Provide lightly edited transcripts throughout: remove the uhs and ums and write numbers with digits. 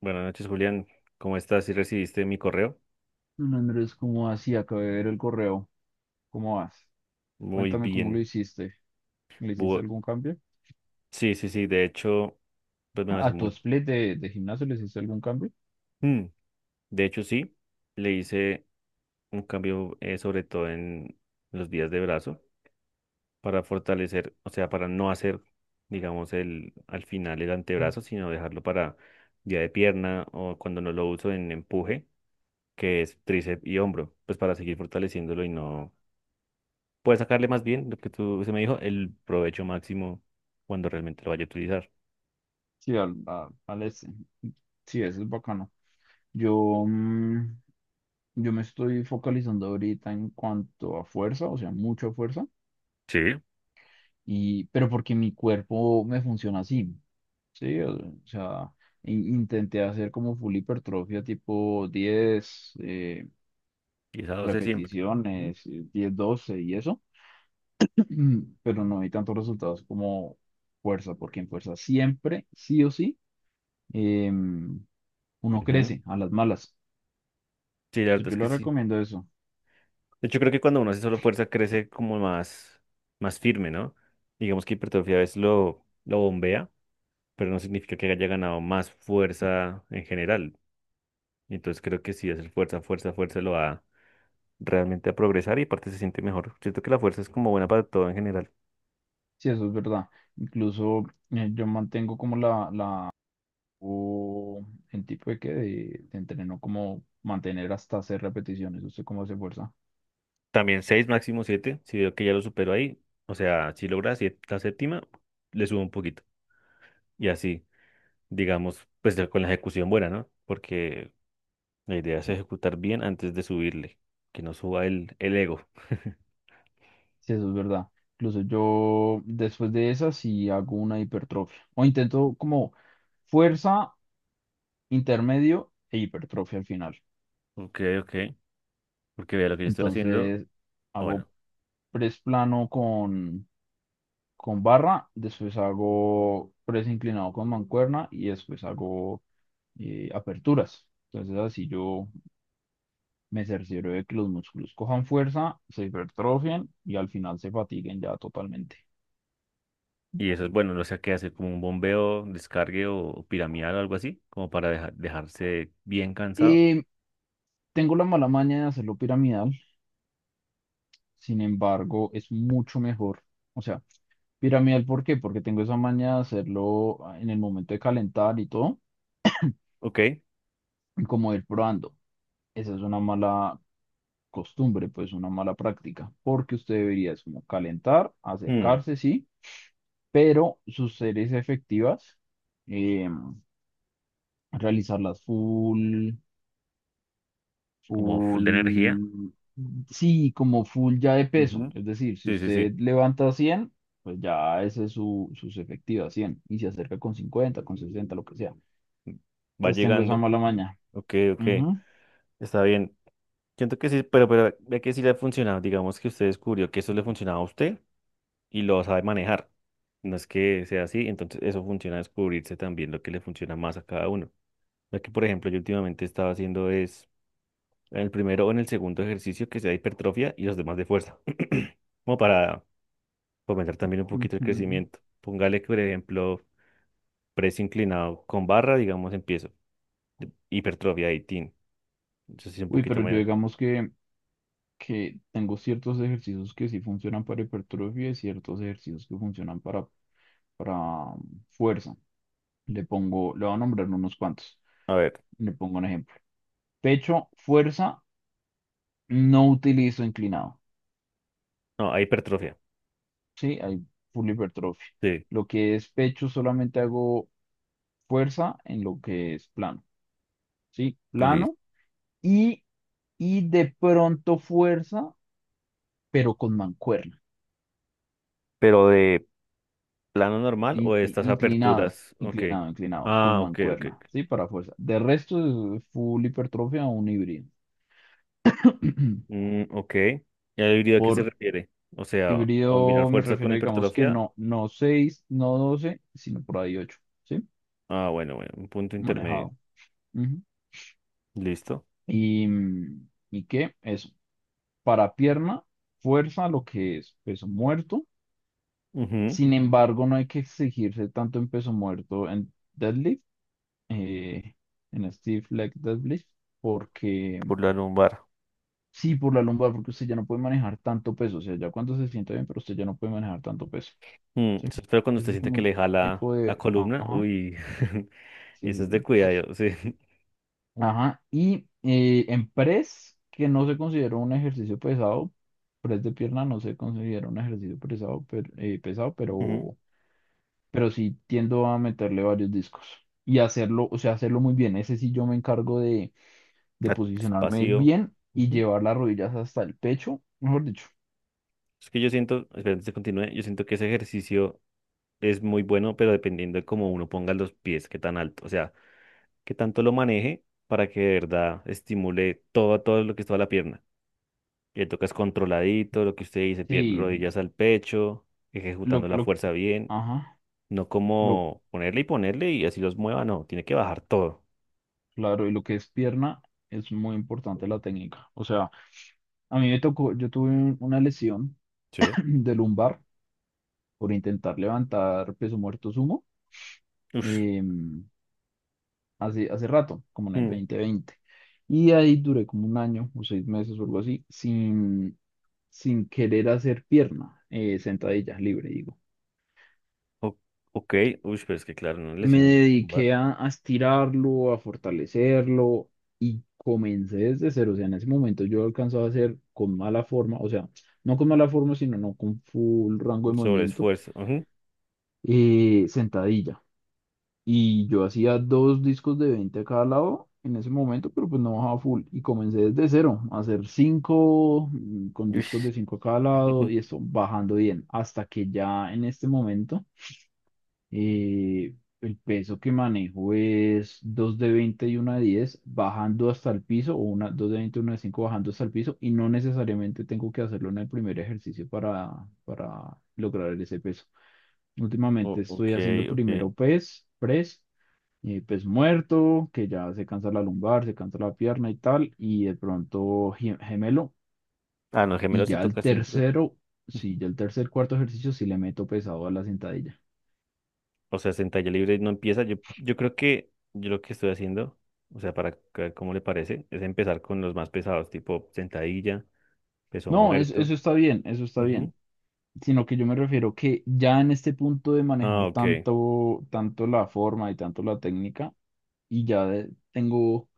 Buenas noches, Julián. ¿Cómo estás? ¿Sí recibiste mi correo? Hola, Andrés, ¿cómo vas? Sí, acabé de ver el correo. ¿Cómo vas? Muy Cuéntame cómo lo bien. hiciste. ¿Le hiciste Bu- algún cambio? sí, sí, sí. De hecho, pues me hace ¿A tu muy split de gimnasio le hiciste algún cambio? Mm, de hecho, sí. Le hice un cambio, sobre todo en los días de brazo, para fortalecer, o sea, para no hacer, digamos, el, al final el antebrazo, sino dejarlo para día de pierna o cuando no lo uso en empuje, que es tríceps y hombro, pues para seguir fortaleciéndolo y no puedes sacarle más bien lo que tú se me dijo, el provecho máximo cuando realmente lo vaya a utilizar. Sí, al este. Sí, eso es bacano. Yo, mm, yo me estoy focalizando ahorita en cuanto a fuerza, o sea, mucha fuerza, Sí, y, pero porque mi cuerpo me funciona así, ¿sí? O sea, intenté hacer como full hipertrofia tipo 10 y esa dosis siempre. Ujú. repeticiones, 10, 12 y eso. Pero no hay tantos resultados como fuerza, porque en fuerza siempre, sí o sí, em, uno Ujú. crece a las malas. Sí, la verdad Entonces, es yo que le sí. recomiendo eso. De hecho, creo que cuando uno hace solo fuerza crece como más, más firme, ¿no? Digamos que hipertrofia a veces lo bombea, pero no significa que haya ganado más fuerza en general. Entonces creo que sí, hacer fuerza, fuerza, fuerza lo va realmente a progresar y aparte se siente mejor. Siento que la fuerza es como buena para todo en general. Sí, eso es verdad. Incluso yo mantengo como la o el tipo de de entreno como mantener hasta hacer repeticiones. ¿Usted cómo hace fuerza? También 6 máximo siete. Si veo que ya lo supero ahí, o sea, si logra la séptima, le subo un poquito. Y así, digamos, pues ya con la ejecución buena, ¿no? Porque la idea es ejecutar bien antes de subirle, que no suba el ego. Sí, eso es verdad. Incluso yo después de esa sí hago una hipertrofia. O intento como fuerza, intermedio e hipertrofia al final. Ok, ok. Porque vea lo que yo estoy haciendo. Entonces Ah, hago bueno, press plano con barra, después hago press inclinado con mancuerna y después hago aperturas. Entonces así yo me cercioro de que los músculos cojan fuerza, se hipertrofien y al final se fatiguen ya totalmente. y eso es bueno, no sé qué hacer, como un bombeo, descargue o piramidal o algo así, como para dejarse bien cansado. Eh, Tengo la mala maña de hacerlo piramidal, sin embargo es mucho mejor. O sea, piramidal, ¿por qué? Porque tengo esa maña de hacerlo en el momento de calentar y todo, Ok. y como ir probando. Esa es una mala costumbre, pues una mala práctica, porque usted debería es como calentar, mm, acercarse, sí, pero sus series efectivas, eh, realizarlas Como full de energía. full, sí, como full ya de peso. Ujú. Es decir, si Sí, sí, sí. usted levanta 100, pues ya ese es sus efectivas 100 y se acerca con 50, con 60, lo que sea. Va Entonces tengo esa llegando. mala Ujú, ujú. maña. Ok, ok. Ujú, Está bien. Siento que sí, pero ve que sí le ha funcionado. Digamos que usted descubrió que eso le funcionaba a usted y lo sabe manejar. No es que sea así, entonces eso funciona descubrirse también lo que le funciona más a cada uno. Lo que, por ejemplo, yo últimamente estaba haciendo es en el primero o en el segundo ejercicio que sea hipertrofia y los demás de fuerza. Como para fomentar también un poquito el ujú. crecimiento. Póngale que, por ejemplo, press inclinado con barra, digamos, empiezo. Hipertrofia 18. Entonces sí, un Uy, poquito pero yo menos. digamos que tengo ciertos ejercicios que sí funcionan para hipertrofia y ciertos ejercicios que funcionan para fuerza. Le pongo, le voy a nombrar unos cuantos. A ver. Le pongo un ejemplo. Pecho, fuerza, no utilizo inclinado. No, a hipertrofia. Sí, hay full hipertrofia. Sí. Lo que es pecho solamente hago fuerza en lo que es plano. Sí, plano y, y de pronto fuerza, pero con mancuerna. Pero de plano normal o de estas aperturas. Ok. Inclinado, con Ah, ok, ok, mancuerna, ok. ¿sí? Para fuerza. De resto, es full hipertrofia o un híbrido. Ok. ¿Y la híbrido a qué se Por refiere? O sea, combinar híbrido me fuerza con refiero, digamos que hipertrofia. No 6, no 12, sino por ahí 8, ¿sí? Ah, bueno, bueno, un punto intermedio. Manejado. Ujú. Listo. Y, ¿y qué? Eso. Para pierna, fuerza, lo que es peso muerto. Ujú. Sin embargo, no hay que exigirse tanto en peso muerto, en deadlift, eh, en stiff leg deadlift, porque... Por la lumbar. Sí, por la lumbar, porque usted ya no puede manejar tanto peso. O sea, ya cuando se sienta bien, pero usted ya no puede manejar tanto peso. Mm, ¿Sí? eso es feo cuando usted Ese es siente como que un le jala tipo la de. columna. Ajá. Uy, Sí, eso es sí, de sí. cuidado, sí. Ajá. Y en press, que no se considera un ejercicio pesado, press de pierna no se considera un ejercicio pesado, pero, eh, pesado, Ujú. pero, pero sí tiendo a meterle varios discos. Y hacerlo, o sea, hacerlo muy bien. Ese sí yo me encargo de Ah, posicionarme espacio. bien y Ujú. llevar las rodillas hasta el pecho, mejor dicho. Es que yo siento, espera, antes de continúe, yo siento que ese ejercicio es muy bueno, pero dependiendo de cómo uno ponga los pies, qué tan alto. O sea, que tanto lo maneje para que de verdad estimule todo, todo lo que es toda la pierna. Le tocas controladito, lo que usted dice, Sí, rodillas al pecho, ejecutando la lo... fuerza bien, Ajá, no lo, como ponerle y ponerle y así los mueva, no, tiene que bajar todo. claro, y lo que es pierna es muy importante la técnica. O sea, a mí me tocó, yo tuve una lesión Sí. de lumbar por intentar levantar peso muerto sumo, Uf. em, hace rato, como en el dos Mm. mil veinte Y ahí duré como un año o 6 meses o algo así, sin querer hacer pierna, sentadilla libre, digo. O- ok, uy, pero es que claro, una Me lesión, dediqué lumbar. A estirarlo, a fortalecerlo y comencé desde cero. O sea, en ese momento yo alcanzaba a hacer con mala forma, o sea, no con mala forma, sino no con full rango Un de movimiento, sobreesfuerzo. Ujú. Sentadilla. Y yo hacía dos discos de 20 a cada lado en ese momento, pero pues no bajaba full. Y comencé desde cero a hacer cinco, con discos Ush. de cinco a cada lado y eso bajando bien, hasta que ya en este momento. Eh, el peso que manejo es 2 de 20 y una de 10 bajando hasta el piso, o una, 2 de 20 y 1 de 5 bajando hasta el piso, y no necesariamente tengo que hacerlo en el primer ejercicio para lograr ese peso. Últimamente Ok, estoy haciendo ok. primero press, pes muerto, que ya se cansa la lumbar, se cansa la pierna y tal, y de pronto gemelo. Ah, no, Y gemelos sí ya el toca siempre. tercero, sí, ya el tercer, cuarto ejercicio sí le meto pesado a la sentadilla. O sea, sentalla libre no empieza. Yo creo que yo lo que estoy haciendo, o sea, para ver cómo le parece, es empezar con los más pesados, tipo sentadilla, peso No, muerto. eso está bien, eso está Ujú. bien. Sino que yo me refiero que ya en este punto de Ah, manejar ok. tanto, tanto la forma y tanto la técnica, y ya tengo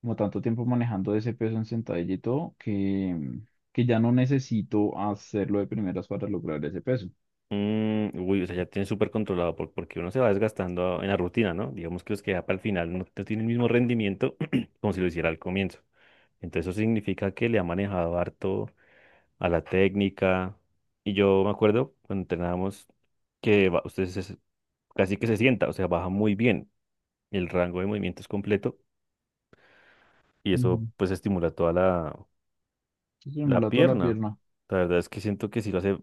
como tanto tiempo manejando ese peso en sentadilla y todo, que ya no necesito hacerlo de primeras para lograr ese peso. Mm, uy, o sea, ya tiene súper controlado porque uno se va desgastando en la rutina, ¿no? Digamos que los que ya para el final no, no tienen el mismo rendimiento como si lo hiciera al comienzo. Entonces eso significa que le ha manejado harto a la técnica. Y yo me acuerdo cuando entrenábamos que casi que se sienta, o sea, baja muy bien. El rango de movimiento es completo y eso Ujú. pues estimula toda la, Se la simula toda la pierna. pierna, La verdad es que siento que sí lo hace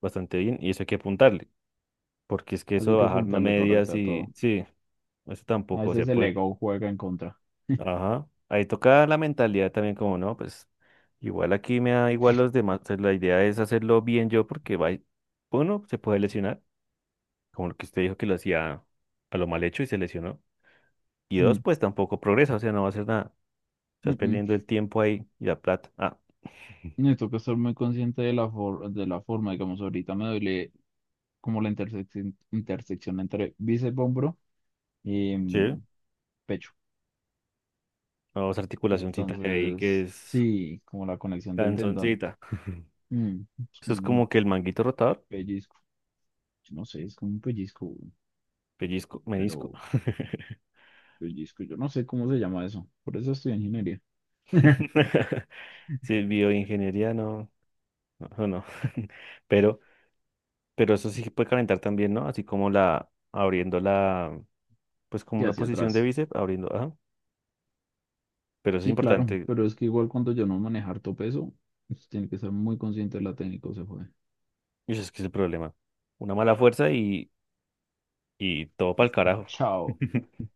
bastante bien y eso hay que apuntarle, porque es que eso así de que bajarme a apuntarle medias correcta a y todo. sí, eso A tampoco se veces el puede. ego juega en contra. Ajá. Ahí toca la mentalidad también como, no, pues igual aquí me da igual los demás, o sea, la idea es hacerlo bien yo porque va, uno, se puede lesionar, como lo que usted dijo que lo hacía a lo mal hecho y se lesionó. Y dos, Mm, pues tampoco progresa, o sea, no va a hacer nada. Estás mm, perdiendo mm. el tiempo ahí y la plata. Ah. Necesito que estar muy consciente de la, de la forma, digamos, ahorita me duele como la intersección, intersección entre bíceps, hombro y Sí, pecho. vamos articulacioncita que hay que Entonces, es sí, como la conexión del tendón. canzoncita. Mm, es Eso como es como un que el manguito rotador, pellizco. Yo no sé, es como un pellizco, güey, pellizco, menisco. pero pellizco, yo no sé cómo se llama eso. Por eso estoy en ingeniería. Si es bioingeniería, no, no, no. Pero, pero eso sí puede calentar también, ¿no? Así como la, abriendo la, pues como Y una hacia posición de atrás. bíceps, abriendo, ajá. Pero eso es Sí, claro, importante, pero es que igual cuando yo no manejo harto peso, pues, tiene que ser muy consciente de la técnica, se fue. y eso es que es el problema. Una mala fuerza y todo para el carajo. Chao.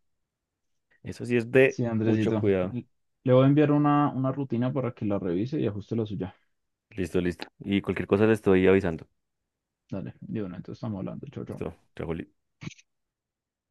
Eso sí es de Sí, mucho Andresito. cuidado. Le voy a enviar una rutina para que la revise y ajuste la suya. Listo, listo. Y cualquier cosa le estoy avisando. Dale, de una, entonces estamos hablando. Chau, chau. Listo, trago,